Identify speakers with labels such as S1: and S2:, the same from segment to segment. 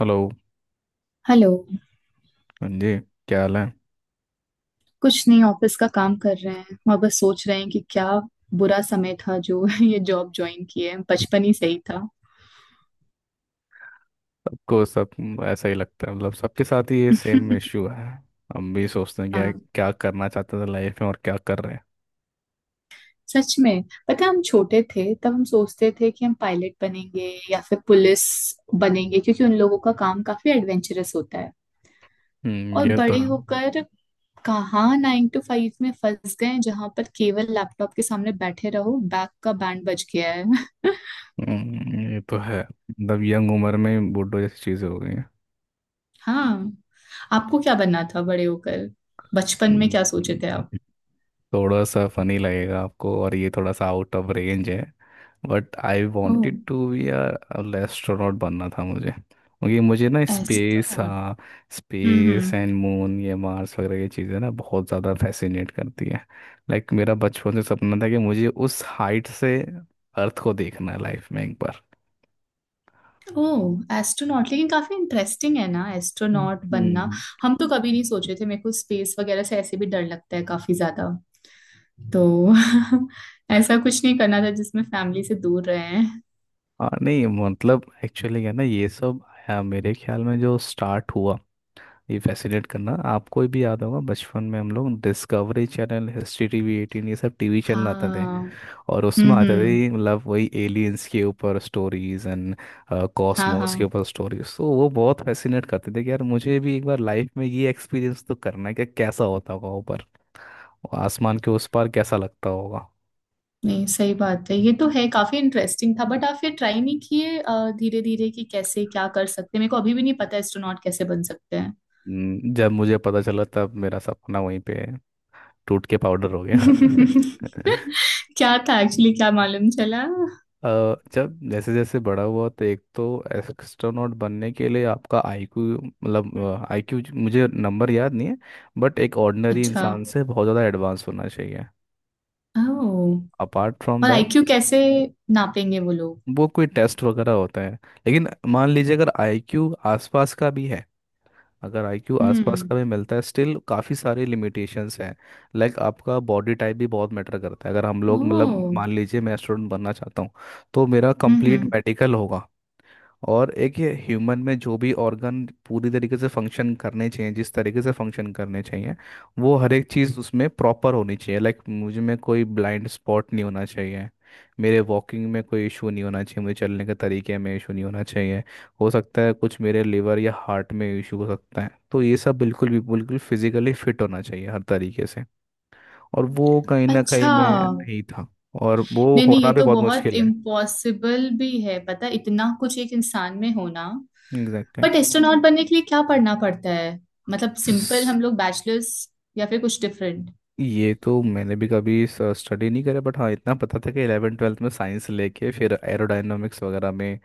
S1: Hello.
S2: Hello.
S1: हाँ जी। क्या हाल है?
S2: कुछ नहीं, ऑफिस का काम कर रहे हैं और बस सोच रहे हैं कि क्या बुरा समय था जो ये जॉब ज्वाइन किए, बचपन ही सही था।
S1: सबको सब ऐसा ही लगता है, मतलब सबके साथ ही ये सेम इश्यू है। हम भी सोचते हैं क्या
S2: हाँ,
S1: क्या करना चाहते थे लाइफ में और क्या कर रहे हैं।
S2: सच में। पता है, हम छोटे थे तब हम सोचते थे कि हम पायलट बनेंगे या फिर पुलिस बनेंगे क्योंकि उन लोगों का काम काफी एडवेंचरस होता है।
S1: हम्म,
S2: और
S1: ये तो
S2: बड़े होकर कहाँ 9 to 5 में फंस गए जहां पर केवल लैपटॉप के सामने बैठे रहो, बैक का बैंड बज गया है।
S1: ये तो है मतलब यंग उम्र में बूढ़ों जैसी चीज़ें हो गई हैं।
S2: हाँ। आपको क्या बनना था बड़े होकर? बचपन में क्या सोचे थे
S1: हम्म।
S2: आप?
S1: थोड़ा सा फनी लगेगा आपको, और ये थोड़ा सा आउट ऑफ रेंज है। But I wanted
S2: oh!
S1: To be a astronaut, बनना था मुझे क्योंकि मुझे ना स्पेस,
S2: एस्ट्रोनॉट?
S1: हाँ।
S2: हम्म।
S1: स्पेस एंड मून, ये मार्स वगैरह, ये चीज़ें ना बहुत ज़्यादा फैसिनेट करती है। लाइक मेरा बचपन से सपना था कि मुझे उस हाइट से अर्थ को देखना है लाइफ में एक बार।
S2: Oh, astronaut! लेकिन काफी इंटरेस्टिंग है ना एस्ट्रोनॉट बनना।
S1: हम्म।
S2: हम तो कभी नहीं सोचे थे, मेरे को स्पेस वगैरह से ऐसे भी डर लगता है काफी ज्यादा। तो ऐसा कुछ नहीं करना था जिसमें फैमिली से दूर रहे हैं।
S1: हाँ, नहीं मतलब एक्चुअली क्या है ना, ये सब मेरे ख्याल में जो स्टार्ट हुआ ये फैसिनेट करना, आपको भी याद होगा बचपन में हम लोग Discovery channel, History TV eighteen, ये सब टीवी चैनल आते थे।
S2: हाँ।
S1: और उसमें आते
S2: हम्म।
S1: थे मतलब वही एलियंस के ऊपर स्टोरीज एंड
S2: हाँ
S1: कॉस्मोस के
S2: हाँ।
S1: ऊपर स्टोरीज, तो वो बहुत फैसिनेट करते थे कि यार मुझे भी एक बार लाइफ में ये एक्सपीरियंस तो करना है कि कैसा होता होगा ऊपर और आसमान के उस पार कैसा लगता होगा।
S2: नहीं, सही बात है, ये तो है, काफी इंटरेस्टिंग था। बट आप फिर ट्राई नहीं किए धीरे धीरे कि कैसे क्या कर सकते हैं? मेरे को अभी भी नहीं पता एस्ट्रोनॉट कैसे बन सकते हैं।
S1: जब मुझे पता चला तब मेरा सपना वहीं पे टूट के पाउडर हो गया।
S2: क्या था एक्चुअली, क्या मालूम चला?
S1: अ, जब जैसे जैसे बड़ा हुआ तो एक तो एस्ट्रोनॉट बनने के लिए आपका आईक्यू, मतलब आईक्यू मुझे नंबर याद नहीं है, बट एक ऑर्डिनरी
S2: अच्छा।
S1: इंसान से बहुत ज़्यादा एडवांस होना चाहिए।
S2: ओ।
S1: अपार्ट फ्रॉम
S2: और
S1: दैट
S2: IQ कैसे नापेंगे वो लोग?
S1: वो कोई टेस्ट वगैरह होता है, लेकिन मान लीजिए अगर आईक्यू आसपास का भी है अगर आईक्यू आसपास
S2: हम्म।
S1: का भी मिलता है स्टिल काफ़ी सारे लिमिटेशंस हैं। लाइक आपका बॉडी टाइप भी बहुत मैटर करता है। अगर हम लोग, मतलब
S2: ओ।
S1: मान लीजिए मैं एस्ट्रोनॉट बनना चाहता हूँ, तो मेरा कंप्लीट
S2: हम्म।
S1: मेडिकल होगा। और एक ये ह्यूमन में जो भी ऑर्गन पूरी तरीके से फंक्शन करने चाहिए जिस तरीके से फंक्शन करने चाहिए, वो हर एक चीज़ उसमें प्रॉपर होनी चाहिए। लाइक मुझे में कोई ब्लाइंड स्पॉट नहीं होना चाहिए, मेरे वॉकिंग में कोई इशू नहीं होना चाहिए, मुझे चलने के तरीके में इशू नहीं होना चाहिए। हो सकता है कुछ मेरे लिवर या हार्ट में इशू हो सकता है, तो ये सब बिल्कुल भी, बिल्कुल फिजिकली फिट होना चाहिए हर तरीके से। और वो कहीं ना कहीं
S2: अच्छा।
S1: मैं नहीं था, और वो
S2: नहीं नहीं, ये
S1: होना भी
S2: तो
S1: बहुत
S2: बहुत
S1: मुश्किल है।
S2: इम्पॉसिबल भी है। पता है, इतना कुछ एक इंसान में होना।
S1: एग्जैक्टली।
S2: बट एस्ट्रोनॉट बनने के लिए क्या पढ़ना पड़ता है? मतलब सिंपल हम लोग बैचलर्स, या फिर कुछ डिफरेंट?
S1: ये तो मैंने भी कभी स्टडी नहीं करा, बट हाँ इतना पता था कि 11 ट्वेल्थ में साइंस लेके फिर एरोडायनामिक्स वगैरह में,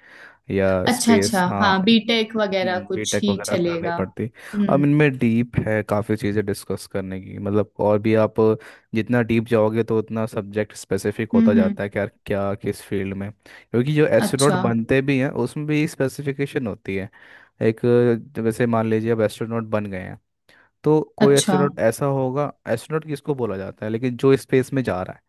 S1: या
S2: अच्छा
S1: स्पेस,
S2: अच्छा,
S1: हाँ,
S2: हाँ बीटेक वगैरह कुछ
S1: बीटेक
S2: ही
S1: वगैरह करनी
S2: चलेगा।
S1: पड़ती। अब
S2: हम्म
S1: इनमें डीप है काफ़ी चीज़ें डिस्कस करने की, मतलब और भी आप जितना डीप जाओगे तो उतना सब्जेक्ट स्पेसिफिक होता
S2: हम्म हम्म,
S1: जाता है कि यार क्या किस फील्ड में, क्योंकि जो एस्ट्रोनॉट
S2: अच्छा।
S1: बनते भी हैं उसमें भी स्पेसिफिकेशन होती है। एक, जैसे मान लीजिए अब एस्ट्रोनॉट बन गए हैं, तो कोई
S2: अच्छा।
S1: एस्ट्रोनॉट ऐसा होगा, एस्ट्रोनॉट किसको बोला जाता है लेकिन जो स्पेस में जा रहा है,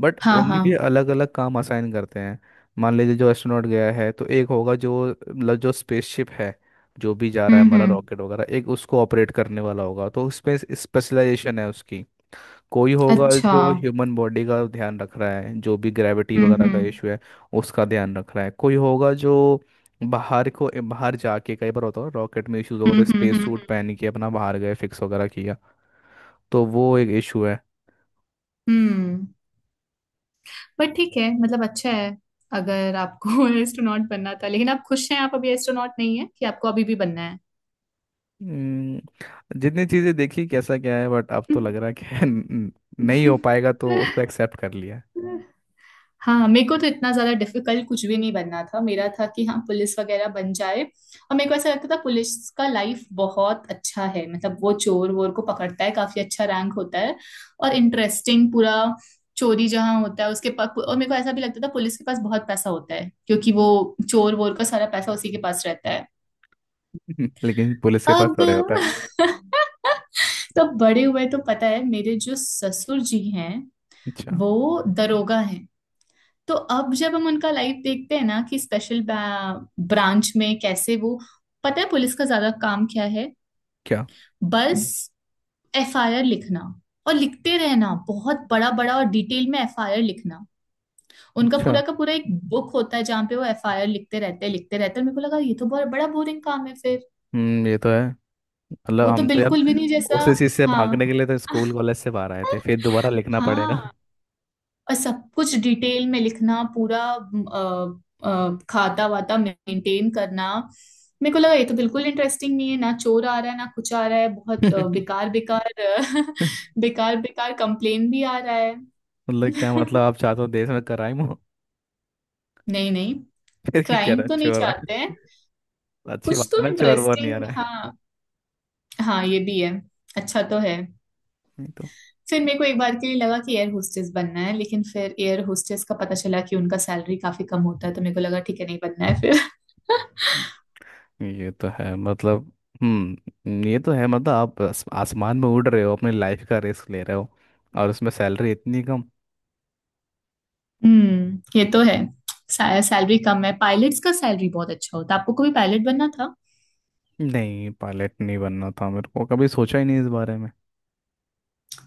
S1: बट
S2: हाँ
S1: उनमें भी
S2: हाँ।
S1: अलग अलग काम असाइन करते हैं। मान लीजिए जो एस्ट्रोनॉट गया है, तो एक होगा जो मतलब जो स्पेसशिप है, जो भी जा रहा है हमारा
S2: हम्म।
S1: रॉकेट वगैरह, एक उसको ऑपरेट करने वाला होगा, तो स्पेस स्पेशलाइजेशन है उसकी। कोई होगा
S2: अच्छा।
S1: जो ह्यूमन बॉडी का ध्यान रख रहा है, जो भी ग्रेविटी वगैरह का
S2: हम्म।
S1: इशू है उसका ध्यान रख रहा है। कोई होगा जो बाहर जाके, कई बार होता है रॉकेट में इश्यूज होगा, तो
S2: हम्म।
S1: स्पेस सूट पहन के अपना बाहर गए फिक्स वगैरह किया। तो वो एक इशू है।
S2: हम्म। बट ठीक है, मतलब अच्छा है। अगर आपको एस्ट्रोनॉट बनना था, लेकिन आप खुश हैं आप अभी एस्ट्रोनॉट नहीं है कि आपको अभी भी बनना
S1: जितनी चीजें देखी कैसा क्या है, बट अब तो लग रहा है कि नहीं हो पाएगा, तो उसको एक्सेप्ट कर लिया है।
S2: है? हाँ। मेरे को तो इतना ज्यादा डिफिकल्ट कुछ भी नहीं बनना था। मेरा था कि हाँ पुलिस वगैरह बन जाए, और मेरे को ऐसा लगता था पुलिस का लाइफ बहुत अच्छा है, मतलब वो चोर वोर को पकड़ता है, काफी अच्छा रैंक होता है और इंटरेस्टिंग पूरा। चोरी जहाँ होता है उसके पास, और मेरे को ऐसा भी लगता था पुलिस के पास बहुत पैसा होता है क्योंकि वो चोर वोर का सारा पैसा उसी के पास रहता है।
S1: लेकिन पुलिस के पास
S2: अब
S1: थोड़े होता है।
S2: तो बड़े हुए तो पता है, मेरे जो ससुर जी हैं
S1: अच्छा।
S2: वो दरोगा हैं। तो अब जब हम उनका लाइफ देखते हैं ना कि स्पेशल ब्रांच में कैसे वो, पता है पुलिस का ज्यादा काम क्या है?
S1: क्या?
S2: बस FIR लिखना, और लिखते रहना बहुत बड़ा बड़ा और डिटेल में FIR लिखना। उनका
S1: अच्छा।
S2: पूरा का पूरा एक बुक होता है जहाँ पे वो FIR लिखते रहते हैं, लिखते रहते हैं। और मेरे को लगा ये तो बहुत बड़ा बोरिंग काम है फिर।
S1: ये तो है, मतलब
S2: वो तो
S1: हम तो यार
S2: बिल्कुल भी नहीं जैसा।
S1: उसी चीज से
S2: हाँ
S1: भागने के लिए तो स्कूल कॉलेज से बाहर आए थे, फिर दोबारा लिखना पड़ेगा।
S2: हाँ। और सब कुछ डिटेल में लिखना पूरा, खाता वाता मेंटेन करना। मेरे को लगा ये तो बिल्कुल इंटरेस्टिंग नहीं है, ना चोर आ रहा है ना कुछ आ रहा है, बहुत बेकार बेकार बेकार बेकार कंप्लेन भी आ रहा है।
S1: मतलब क्या? मतलब आप चाहते हो देश में क्राइम हो?
S2: नहीं नहीं।
S1: फिर क्यों कह
S2: क्राइम
S1: रहा है
S2: तो नहीं
S1: चोर आए?
S2: चाहते हैं।
S1: अच्छी
S2: कुछ
S1: बात है
S2: तो
S1: ना, चोर वोर नहीं आ
S2: इंटरेस्टिंग,
S1: रहा है।
S2: हाँ। हाँ ये भी है। अच्छा तो है।
S1: नहीं तो।
S2: फिर मेरे को एक बार के लिए लगा कि एयर होस्टेस बनना है, लेकिन फिर एयर होस्टेस का पता चला कि उनका सैलरी काफी कम होता है, तो मेरे को लगा ठीक है, नहीं बनना है फिर।
S1: ये तो है मतलब ये तो है मतलब आप आसमान में उड़ रहे हो, अपनी लाइफ का रिस्क ले रहे हो, और उसमें सैलरी इतनी कम।
S2: हम्म, ये तो है। सैलरी कम है। पायलट्स का सैलरी बहुत अच्छा होता है। आपको कभी पायलट बनना था?
S1: नहीं, पायलट नहीं बनना था, मेरे को कभी सोचा ही नहीं इस बारे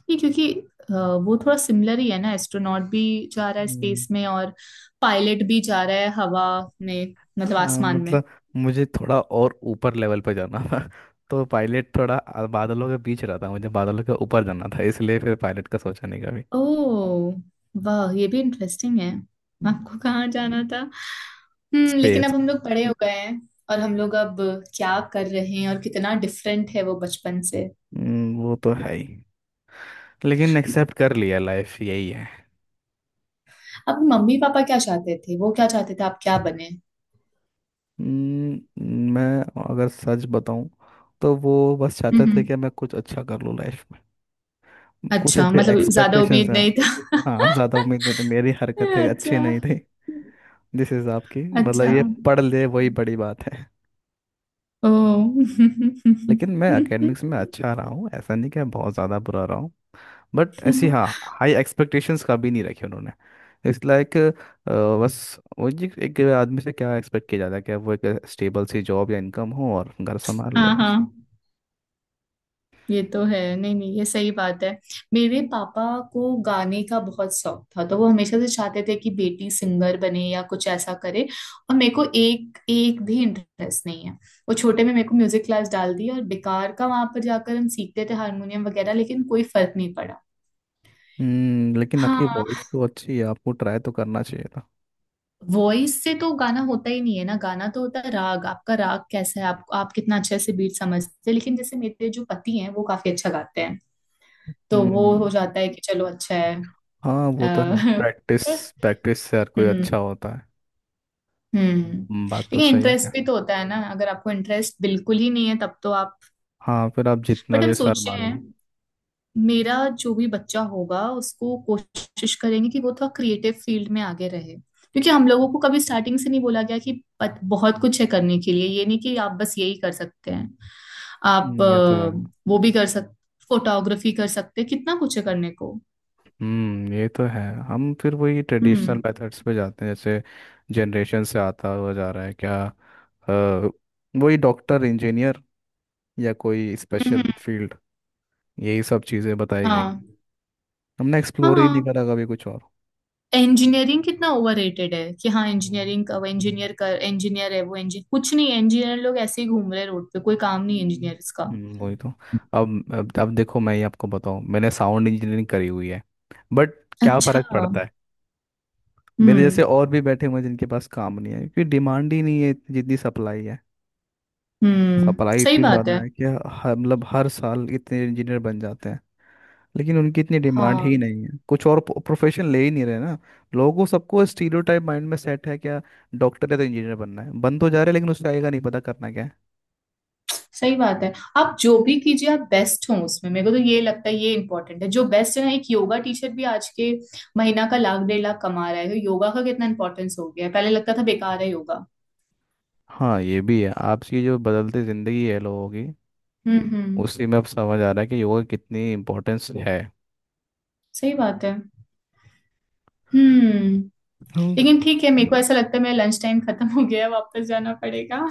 S2: ये क्योंकि अ, वो थोड़ा सिमिलर ही है ना, एस्ट्रोनॉट भी जा रहा है
S1: में।
S2: स्पेस में और पायलट भी जा रहा है हवा में, मतलब
S1: हाँ
S2: आसमान में।
S1: मतलब मुझे थोड़ा और ऊपर लेवल पर जाना था। तो पायलट थोड़ा बादलों के बीच रहा था, मुझे बादलों के ऊपर जाना था, इसलिए फिर पायलट का सोचा नहीं कभी।
S2: ओह वाह, ये भी इंटरेस्टिंग है। आपको कहाँ जाना था? हम्म, लेकिन
S1: स्पेस।
S2: अब हम लोग बड़े हो गए हैं और हम लोग अब क्या कर रहे हैं, और कितना डिफरेंट है वो बचपन से।
S1: वो तो है ही, लेकिन एक्सेप्ट कर लिया, लाइफ यही है।
S2: अब मम्मी पापा क्या चाहते थे? वो क्या चाहते थे आप क्या बने?
S1: मैं, अगर सच बताऊं, तो वो बस चाहते थे कि मैं कुछ अच्छा कर लूँ लाइफ में। कुछ
S2: अच्छा,
S1: ऐसे
S2: मतलब ज़्यादा
S1: एक्सपेक्टेशंस
S2: उम्मीद
S1: हैं।
S2: नहीं था।
S1: हाँ, ज़्यादा उम्मीद नहीं थी, मेरी हरकतें
S2: अच्छा,
S1: अच्छी नहीं थी जिस हिसाब की, मतलब
S2: अच्छा।
S1: ये पढ़ ले वही बड़ी बात है।
S2: ओह!
S1: लेकिन मैं एकेडमिक्स में अच्छा रहा हूँ, ऐसा नहीं कि मैं बहुत ज़्यादा बुरा रहा हूँ, बट ऐसी, हाँ, हाई एक्सपेक्टेशंस कभी नहीं रखी उन्होंने। इस लाइक, बस, वो जी एक आदमी से क्या एक्सपेक्ट किया जाता है कि वो एक स्टेबल सी जॉब या इनकम हो और घर संभाल
S2: हाँ,
S1: ले, बस।
S2: हाँ। ये तो है। नहीं, नहीं, ये सही बात है। मेरे पापा को गाने का बहुत शौक था, तो वो हमेशा से चाहते थे कि बेटी सिंगर बने या कुछ ऐसा करे, और मेरे को एक एक भी इंटरेस्ट नहीं है। वो छोटे में मेरे को म्यूज़िक क्लास डाल दी, और बेकार का वहाँ पर जाकर हम सीखते थे हारमोनियम वगैरह, लेकिन कोई फर्क नहीं पड़ा।
S1: लेकिन आपकी
S2: हाँ।
S1: वॉइस तो अच्छी है, आपको ट्राई तो करना चाहिए था।
S2: वॉइस से तो गाना होता ही नहीं है ना। गाना तो होता है राग, आपका राग कैसा है, आप कितना अच्छे से बीट समझते हैं। लेकिन जैसे मेरे जो पति हैं वो काफी अच्छा गाते हैं, तो वो हो
S1: हम्म।
S2: जाता है कि चलो अच्छा है।
S1: हाँ, वो तो है,
S2: अ,
S1: प्रैक्टिस, प्रैक्टिस से हर कोई
S2: हम्म
S1: अच्छा होता है।
S2: हम्म।
S1: बात
S2: लेकिन
S1: तो सही है
S2: इंटरेस्ट
S1: क्या?
S2: भी तो होता है ना, अगर आपको इंटरेस्ट बिल्कुल ही नहीं है तब तो आप...
S1: हाँ, फिर आप जितना
S2: बट हम
S1: भी सर
S2: सोचते
S1: मान
S2: हैं,
S1: लो।
S2: मेरा जो भी बच्चा होगा उसको कोशिश करेंगे कि वो थोड़ा क्रिएटिव फील्ड में आगे रहे, क्योंकि हम लोगों को कभी स्टार्टिंग से नहीं बोला गया कि बहुत कुछ है करने के लिए। ये नहीं कि आप बस यही कर सकते हैं, आप
S1: हम्म, ये तो है
S2: वो भी कर सकते, फोटोग्राफी कर सकते हैं, कितना कुछ है करने को।
S1: ये तो है, हम फिर वही ट्रेडिशनल
S2: हम्म
S1: मेथड्स पे जाते हैं जैसे जनरेशन से आता हुआ जा रहा है क्या, वही डॉक्टर इंजीनियर या कोई स्पेशल
S2: हम्म।
S1: फील्ड, यही सब चीज़ें बताई गई।
S2: हाँ
S1: हमने एक्सप्लोर ही नहीं
S2: हाँ।
S1: करा कभी कुछ और।
S2: इंजीनियरिंग कितना ओवररेटेड है कि हाँ,
S1: हम्म।
S2: इंजीनियरिंग का वो इंजीनियर, कर इंजीनियर है, वो इंजीनियर, कुछ नहीं, इंजीनियर लोग ऐसे ही घूम रहे हैं रोड पे, कोई काम नहीं
S1: हम्म।
S2: इंजीनियर्स का।
S1: वही तो। अब देखो, मैं ही आपको बताऊं, मैंने साउंड इंजीनियरिंग करी हुई है, बट क्या
S2: अच्छा।
S1: फ़र्क पड़ता है। मेरे जैसे
S2: हम्म
S1: और भी बैठे हुए हैं जिनके पास काम नहीं है, क्योंकि डिमांड ही नहीं है जितनी सप्लाई है।
S2: हम्म।
S1: सप्लाई
S2: सही
S1: इतनी
S2: बात
S1: ज़्यादा
S2: है।
S1: है कि हर, मतलब हर साल इतने इंजीनियर बन जाते हैं, लेकिन उनकी इतनी डिमांड ही
S2: हाँ,
S1: नहीं है। कुछ और प्रोफेशन ले ही नहीं रहे ना लोगों को, सबको स्टीरियोटाइप माइंड में सेट है क्या, डॉक्टर या तो इंजीनियर बनना है, बन तो जा रहे हैं, लेकिन उससे आएगा नहीं पता करना क्या है।
S2: सही बात है। आप जो भी कीजिए आप बेस्ट हो उसमें, मेरे को तो ये लगता है ये इम्पोर्टेंट है, जो बेस्ट है ना। एक योगा टीचर भी आज के महीना का लाख 1.5 लाख कमा रहा है, तो योगा का कितना इंपॉर्टेंस हो गया है। पहले लगता था बेकार है योगा।
S1: हाँ, ये भी है, आपकी जो बदलती ज़िंदगी है लोगों की,
S2: हम्म।
S1: उसी में अब समझ आ रहा है कि योगा की कितनी इम्पोर्टेंस है।
S2: सही बात है। हम्म।
S1: हम्म।
S2: लेकिन ठीक है, मेरे को ऐसा लगता है मेरा लंच टाइम खत्म हो गया है, वापस जाना पड़ेगा।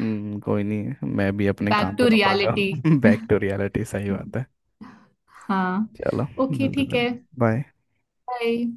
S1: कोई नहीं, मैं भी अपने
S2: बैक
S1: काम पे
S2: टू
S1: वापस
S2: रियलिटी।
S1: जाऊँ। बैक टू रियलिटी, सही बात है।
S2: हाँ।
S1: चलो,
S2: ओके,
S1: मिलते
S2: ठीक
S1: फिर।
S2: है।
S1: बाय।
S2: बाय।